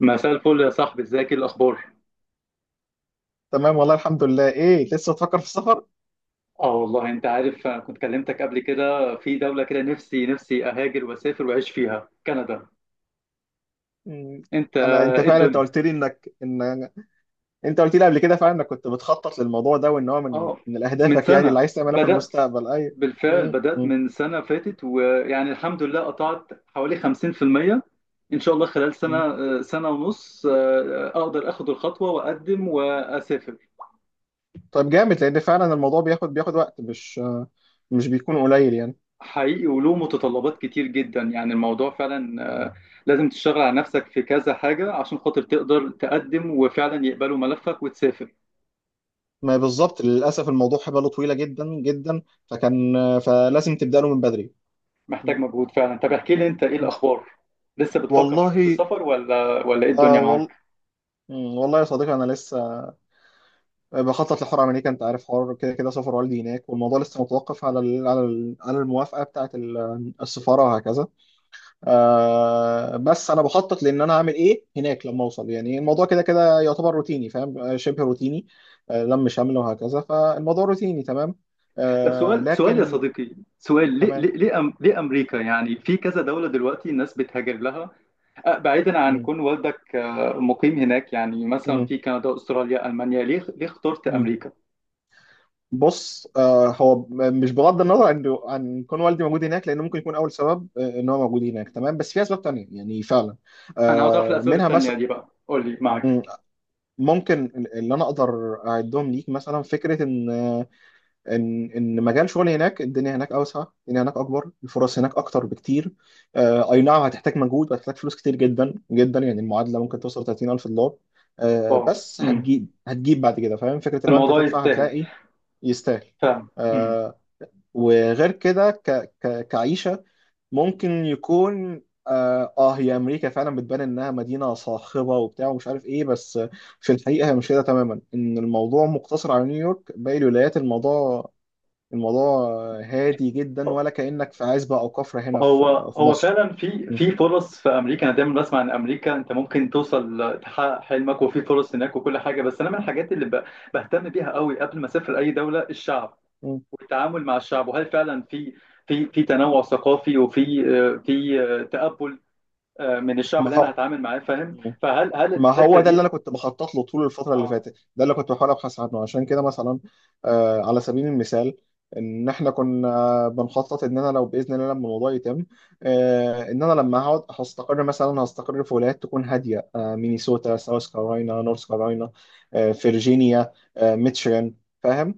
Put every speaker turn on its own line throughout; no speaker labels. مساء الفل يا صاحبي، ازيك؟ ايه الاخبار؟
تمام، والله الحمد لله. ايه، لسه بتفكر في السفر؟
اه والله انت عارف، انا كنت كلمتك قبل كده في دولة كده، نفسي اهاجر واسافر واعيش فيها، كندا.
مم.
انت
انا انت
ايه
فعلا انت
الدنيا؟
قلت لي انك ان انت قلت لي قبل كده فعلا انك كنت بتخطط للموضوع ده، وان هو من
اه،
من
من
اهدافك يعني
سنة
اللي عايز تعملها في
بدأت،
المستقبل. ايوه.
بالفعل
مم.
بدأت
مم.
من سنة فاتت، ويعني الحمد لله قطعت حوالي 50%. ان شاء الله خلال سنة
مم.
سنة ونص اقدر اخد الخطوة واقدم واسافر.
طيب، جامد، لان فعلا الموضوع بياخد وقت، مش بيكون قليل يعني.
حقيقي، وله متطلبات كتير جدا يعني الموضوع فعلا. لازم تشتغل على نفسك في كذا حاجة عشان خاطر تقدر تقدم وفعلا يقبلوا ملفك وتسافر.
ما بالظبط، للاسف الموضوع حباله طويله جدا جدا. فكان فلازم تبدا له من بدري.
محتاج
مم.
مجهود فعلا. طب احكي لي انت، ايه
مم.
الاخبار؟ لسه بتفكر
والله،
برضه في السفر، ولا ايه
آه
الدنيا معاك؟
وال... مم. والله يا صديقي، انا لسه بخطط لحوار امريكا. انت عارف، حوار كده كده سفر والدي هناك، والموضوع لسه متوقف على ال على ال على الموافقه بتاعه السفاره وهكذا. آه، بس انا بخطط لان انا هعمل ايه هناك لما اوصل. يعني الموضوع كده كده يعتبر روتيني، فاهم؟ شبه روتيني، آه، لم شمل وهكذا، فالموضوع روتيني تمام،
طب
آه،
سؤال يا
لكن
صديقي، سؤال، ليه ليه
تمام.
ليه, أم ليه امريكا؟ يعني في كذا دولة دلوقتي الناس بتهاجر لها. بعيدا عن كون والدك مقيم هناك، يعني مثلا في كندا، استراليا، المانيا. ليه اخترت
امم
امريكا؟
بص، آه، هو، مش بغض النظر عن كون والدي موجود هناك، لان ممكن يكون اول سبب، ان هو موجود هناك تمام، بس في اسباب تانية يعني فعلا.
انا عاوز اعرف
آه،
الاسباب
منها
التانية
مثلا
دي بقى، قول لي معاك.
ممكن اللي انا اقدر اعدهم ليك، مثلا فكره ان آه، ان ان مجال شغلي هناك، الدنيا هناك اوسع، الدنيا هناك اكبر، الفرص هناك اكتر بكتير. آه، اي نعم، هتحتاج مجهود وهتحتاج فلوس كتير جدا جدا، يعني المعادله ممكن توصل $30,000. آه،
اه،
بس
امم،
هتجيب بعد كده، فاهم فكره؟ لو انت
الموضوع
هتدفع
يستاهل
هتلاقي. يستاهل.
فعلا. امم،
آه، وغير كده كعيشة ممكن يكون، آه، هي أمريكا فعلا بتبان إنها مدينة صاخبة وبتاع ومش عارف إيه، بس في الحقيقة هي مش كده تماما. إن الموضوع مقتصر على نيويورك، باقي الولايات الموضوع الموضوع هادي جدا، ولا كأنك في عزبة أو كفرة هنا
هو
في
هو
مصر.
فعلا في
م.
فرص في امريكا. انا دايما بسمع ان امريكا انت ممكن توصل تحقق حلمك، وفي فرص هناك وكل حاجه. بس انا من الحاجات اللي بهتم بيها قوي قبل ما اسافر اي دوله، الشعب
م.
والتعامل مع الشعب، وهل فعلا في في تنوع ثقافي، وفي في تقبل من الشعب اللي انا
ما
هتعامل معاه، فاهم؟
هو
فهل
ما
الحته
هو ده اللي
دي؟
انا كنت بخطط له طول الفتره اللي
اه
فاتت، ده اللي كنت بحاول ابحث عنه، عشان كده مثلا، آه، على سبيل المثال، ان احنا كنا بنخطط ان انا لو باذن الله لما الموضوع يتم، آه، ان انا لما هقعد هستقر، مثلا هستقر في ولايات تكون هاديه، آه، مينيسوتا، ساوث كارولاينا، نورث كارولاينا، آه، فيرجينيا، آه، ميتشيغان، فاهم؟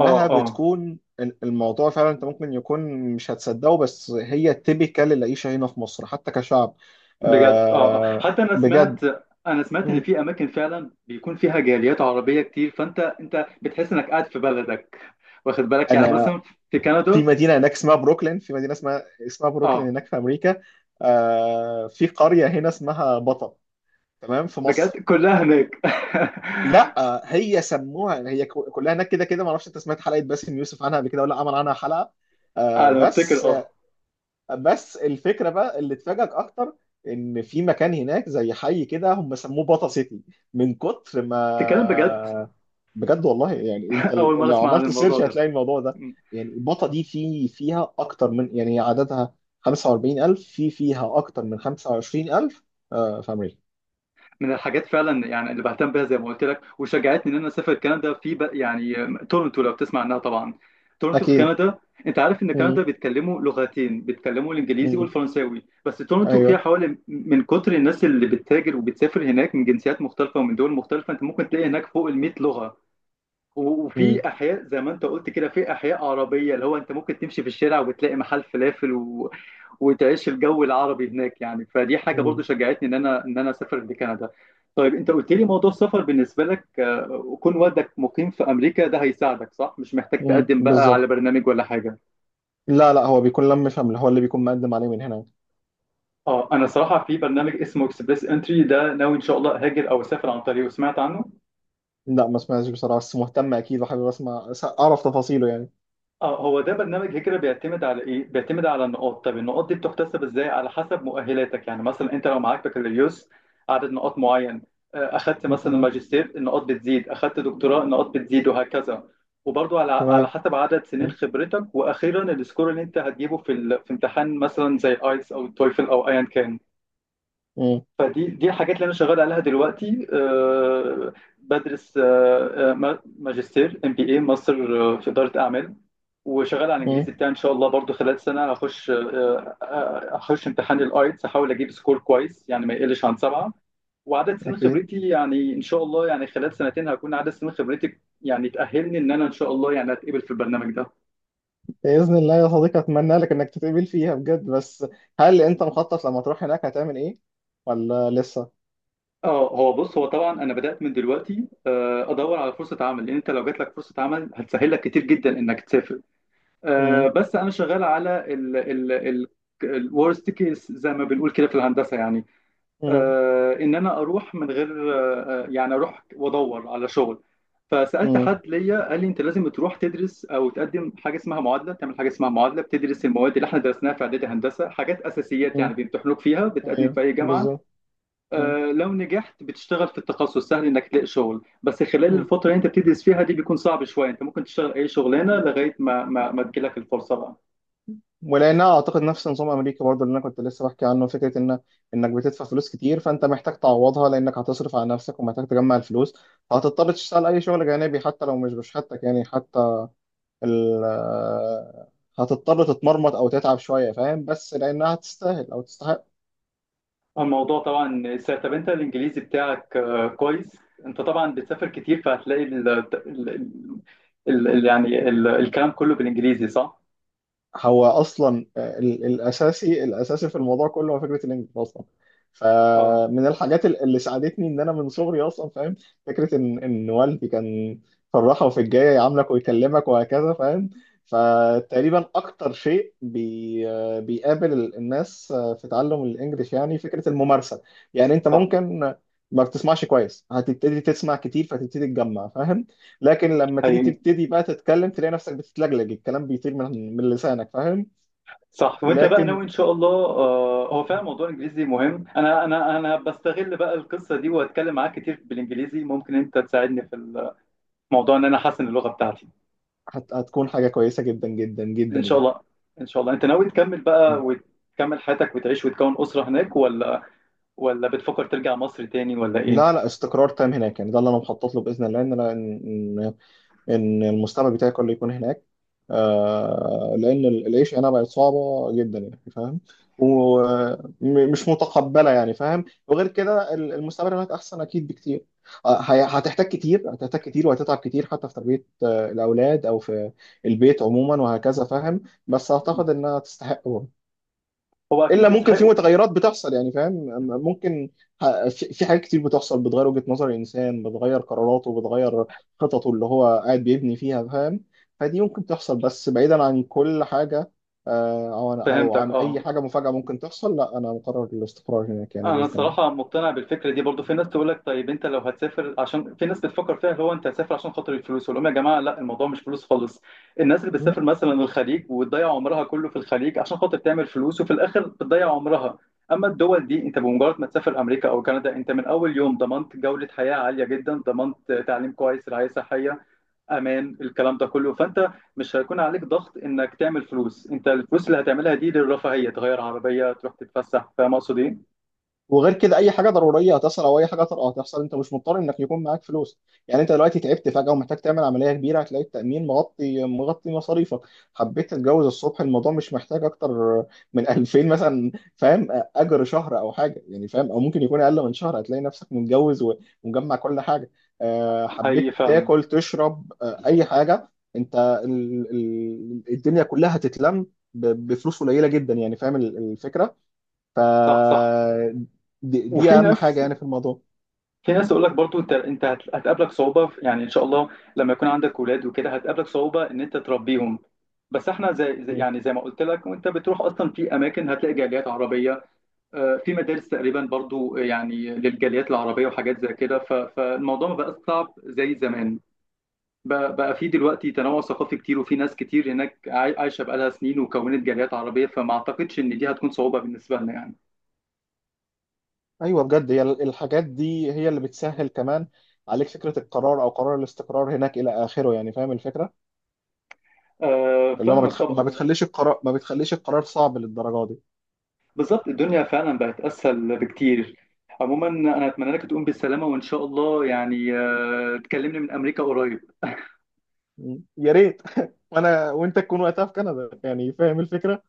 اه اه
بتكون الموضوع فعلا، انت ممكن يكون مش هتصدقه، بس هي تيبيكال العيشه هنا في مصر حتى كشعب،
بجد اه.
آه،
حتى انا
بجد.
سمعت، ان
مم.
في اماكن فعلا بيكون فيها جاليات عربيه كتير، فانت بتحس انك قاعد في بلدك. واخد بالك؟ يعني
انا
مثلا في
في
كندا.
مدينه هناك اسمها بروكلين، في مدينه اسمها بروكلين
اه،
هناك في امريكا. آه، في قريه هنا اسمها بطا، تمام، في
بجد
مصر.
كلها هناك؟
لا آه، هي سموها، هي كلها هناك كده كده، ما اعرفش انت سمعت حلقه باسم يوسف عنها قبل كده ولا عمل عنها حلقه. آه
انا بفتكر
بس
اه.
بس الفكره بقى اللي تفاجئك اكتر، ان في مكان هناك زي حي كده، هم سموه باتا سيتي، من كتر
تتكلم بجد؟
ما، بجد والله، يعني انت
اول مره
لو
اسمع عن
عملت
الموضوع
سيرش
ده.
هتلاقي الموضوع ده. يعني باتا دي في فيها اكتر من، يعني هي عددها 45,000، في فيها اكتر من 25,000، آه، في امريكا.
من الحاجات فعلا يعني اللي بهتم بيها زي ما قلت لك، وشجعتني ان اسافر كندا، في يعني تورنتو، لو تسمع عنها طبعا. تورنتو في
اكيد.
كندا. انت عارف ان
مم.
كندا بيتكلموا لغتين، بيتكلموا الانجليزي
مم.
والفرنساوي. بس تورنتو فيها
ايوه.
حوالي، من كتر الناس اللي بتتاجر وبتسافر هناك من جنسيات مختلفه ومن دول مختلفه، انت ممكن تلاقي هناك فوق ال 100 لغه.
مم.
وفي احياء زي ما انت قلت كده، في احياء عربيه، اللي هو انت ممكن تمشي في الشارع وبتلاقي محل فلافل، وتعيش الجو العربي هناك يعني. فدي حاجه برضو
مم.
شجعتني ان انا اسافر لكندا. طيب، انت قلت لي موضوع السفر بالنسبه لك، وكون والدك مقيم في امريكا، ده هيساعدك صح؟ مش محتاج
مم.
تقدم بقى على
بالظبط.
برنامج ولا حاجه؟
لا لا، هو بيكون لم فهم، هو اللي بيكون مقدم عليه من هنا.
اه، انا صراحه في برنامج اسمه اكسبريس انتري، ده ناوي ان شاء الله هاجر او اسافر عن طريقه. سمعت عنه؟
لا، ما سمعتش بصراحة، بس مهتم أكيد وحابب أسمع، أعرف تفاصيله يعني.
اه، هو ده برنامج هجرة بيعتمد على ايه؟ بيعتمد على النقاط. طب النقاط دي بتحتسب ازاي؟ على حسب مؤهلاتك. يعني مثلا انت لو معاك بكالوريوس، عدد نقاط معين. اخدت مثلا
تمام.
ماجستير، النقاط بتزيد. اخدت دكتوراه، النقاط بتزيد وهكذا. وبرضو على
تمام.
حسب عدد سنين
م-
خبرتك. واخيرا السكور اللي انت هتجيبه في امتحان مثلا زي ايلتس او التويفل او ايا كان.
م-
فدي الحاجات اللي انا شغال عليها دلوقتي. بدرس ماجستير ام بي اي، ماستر في اداره اعمال. وشغال على الانجليزي
م-
بتاعي. ان شاء الله برضو خلال سنه هخش هخش امتحان الايتس، احاول اجيب سكور كويس يعني ما يقلش عن سبعه. وعدد سنين
أكيد.
خبرتي يعني ان شاء الله، يعني خلال سنتين هكون عدد سنين خبرتي يعني تاهلني ان ان شاء الله يعني اتقبل في البرنامج ده.
بإذن الله يا صديقي، أتمنى لك إنك تتقبل فيها بجد. بس هل أنت مخطط لما تروح هناك هتعمل إيه، ولا لسه؟
اه، هو بص، هو طبعا انا بدات من دلوقتي ادور على فرصه عمل، لان انت لو جات لك فرصه عمل هتسهل لك كتير جدا انك تسافر.
م-
بس انا شغال على ال ال ال الورست كيس زي ما بنقول كده في الهندسه يعني.
م-
ان انا اروح من غير يعني اروح وادور على شغل. فسالت
م-
حد ليا، قال لي انت لازم تروح تدرس او تقدم حاجه اسمها معادله. تعمل حاجه اسمها معادله، بتدرس المواد اللي احنا درسناها في اعدادي هندسه، حاجات اساسيات
م.
يعني، بيمتحنوك فيها، بتقدم
أيوه،
في اي جامعه.
بالظبط. م-
لو نجحت بتشتغل في التخصص سهل انك تلاقي شغل. بس خلال
م.
الفتره اللي انت بتدرس فيها دي بيكون صعب شويه. انت ممكن تشتغل اي شغلانه لغايه ما ما تجيلك الفرصه بقى.
ولانها اعتقد نفس نظام امريكا برضه، اللي انا كنت لسه بحكي عنه، فكره ان انك بتدفع فلوس كتير، فانت محتاج تعوضها، لانك هتصرف على نفسك ومحتاج تجمع الفلوس، فهتضطر تشتغل اي شغل جانبي حتى لو مش بشهادتك، يعني حتى ال هتضطر تتمرمط او تتعب شويه، فاهم؟ بس لانها تستاهل او تستحق.
الموضوع طبعا ساعة. طب انت الانجليزي بتاعك كويس. انت طبعا بتسافر كتير، فهتلاقي ال ال ال ال يعني الكلام كله بالانجليزي، صح؟
هو اصلا، آه، الاساسي في الموضوع كله هو فكره الانجليش اصلا.
اه
فمن الحاجات اللي ساعدتني ان انا من صغري اصلا، فاهم، فكره ان والدي كان في الراحه وفي الجايه يعاملك ويكلمك وهكذا، فاهم؟ فتقريبا اكتر شيء بي آه، بيقابل الناس، آه، في تعلم الانجليش، يعني فكره الممارسه. يعني انت
صح،
ممكن ما بتسمعش كويس، هتبتدي تسمع كتير فتبتدي تجمع، فاهم؟ لكن لما تيجي
ايوه
تبتدي بقى تتكلم، تلاقي نفسك بتتلجلج، الكلام بيطير من لسانك، فاهم؟
صح. وانت بقى ناوي
لكن
ان شاء الله. هو فعلا موضوع الانجليزي مهم. انا بستغل بقى القصه دي واتكلم معاك كتير بالانجليزي، ممكن انت تساعدني في الموضوع ان احسن اللغه بتاعتي
هتكون حاجة كويسة جدا جدا جدا
ان شاء
يعني.
الله. ان شاء الله. انت ناوي تكمل بقى وتكمل حياتك وتعيش وتكون اسره هناك، ولا بتفكر ترجع مصر تاني، ولا ايه؟
لا لا، استقرار تام هناك، يعني ده اللي انا مخطط له بإذن الله، ان انا ان المستقبل بتاعي كله يكون هناك، آه، لان العيش هنا بقت صعبه جدا، يعني فاهم؟ ومش متقبله، يعني فاهم؟ وغير كده المستقبل هناك احسن اكيد بكتير. آه، هتحتاج كتير، هتحتاج كتير، وهتتعب كتير، حتى في تربيه، آه، الاولاد او في البيت عموما وهكذا، فاهم؟ بس اعتقد انها تستحق.
هو
الا
اكيد
ممكن في
يستحقوا.
متغيرات بتحصل، يعني فاهم، أما ممكن، في حاجات كتير بتحصل بتغير وجهة نظر الانسان، بتغير قراراته، بتغير خططه اللي هو قاعد بيبني فيها، فاهم؟ فدي ممكن تحصل، بس بعيدا عن كل حاجة، آه، او
فهمتك
عن
اه.
اي حاجة مفاجأة ممكن تحصل، لا انا مقرر الاستقرار هناك، يعني
انا
بإذن
الصراحه مقتنع بالفكره دي برضو. في ناس تقول لك طيب انت لو هتسافر عشان، في ناس بتفكر فيها اللي هو انت هتسافر عشان خاطر الفلوس. اقول لهم يا جماعه لا، الموضوع مش فلوس خالص. الناس اللي
الله.
بتسافر مثلا الخليج وتضيع عمرها كله في الخليج عشان خاطر تعمل فلوس، وفي الاخر بتضيع عمرها. اما الدول دي، انت بمجرد ما تسافر امريكا او كندا، انت من اول يوم ضمنت جوده حياه عاليه جدا، ضمنت تعليم كويس، رعايه صحيه، امان، الكلام ده كله. فانت مش هيكون عليك ضغط انك تعمل فلوس. انت الفلوس اللي هتعملها دي للرفاهيه، تغير عربيه، تروح تتفسح، فاهم اقصد ايه؟
وغير كده، اي حاجه ضروريه هتحصل او اي حاجه طارئه هتحصل، انت مش مضطر انك يكون معاك فلوس. يعني انت دلوقتي تعبت فجاه ومحتاج تعمل عمليه كبيره، هتلاقي التامين مغطي مصاريفك. حبيت تتجوز الصبح، الموضوع مش محتاج اكتر من 2,000 مثلا، فاهم، اجر شهر او حاجه يعني فاهم، او ممكن يكون اقل من شهر، هتلاقي نفسك متجوز و- ومجمع كل حاجه، آه،
حقيقي
حبيت
فعلا.
تاكل تشرب، آه، اي حاجه، انت الدنيا كلها هتتلم بفلوس قليله جدا، يعني فاهم الفكره. ف
صح صح.
دي
وفي
اهم حاجه
ناس،
يعني في الموضوع.
في ناس تقول لك برضو انت هتقابلك صعوبه يعني ان شاء الله لما يكون عندك اولاد وكده هتقابلك صعوبه ان انت تربيهم. بس احنا زي
مم.
يعني زي ما قلت لك، وانت بتروح اصلا في اماكن هتلاقي جاليات عربيه. في مدارس تقريبا برضو يعني للجاليات العربيه وحاجات زي كده. فالموضوع ما بقاش صعب زي زمان. بقى بقى في دلوقتي تنوع ثقافي كتير، وفي ناس كتير هناك عايشه بقالها سنين وكونت جاليات عربيه، فما اعتقدش ان دي هتكون صعوبه بالنسبه لنا يعني.
ايوه بجد، هي الحاجات دي هي اللي بتسهل كمان عليك فكره القرار، او قرار الاستقرار هناك الى اخره، يعني فاهم الفكره،
آه
اللي هو ما,
فاهمك
بتخ...
طبعا.
ما مم. بتخليش القرار ما بتخليش القرار صعب للدرجه دي.
بالظبط، الدنيا فعلا بقت اسهل بكتير. عموما انا اتمنى لك تقوم بالسلامه، وان شاء الله يعني آه تكلمني من امريكا قريب.
مم. يا ريت. وانا وانت تكون وقتها في كندا، يعني فاهم الفكره،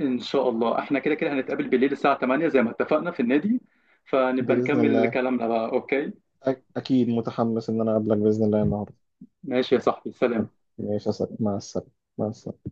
ان شاء الله احنا كده كده هنتقابل
وتكون
بالليل الساعه 8 زي ما اتفقنا في النادي، فنبقى
باذن
نكمل
الله.
كلامنا بقى، اوكي؟
اكيد متحمس ان انا اقابلك باذن الله النهارده.
ماشي يا صاحبي، سلام.
ماشي يا صاحبي. مع السلامه. مع السلامه.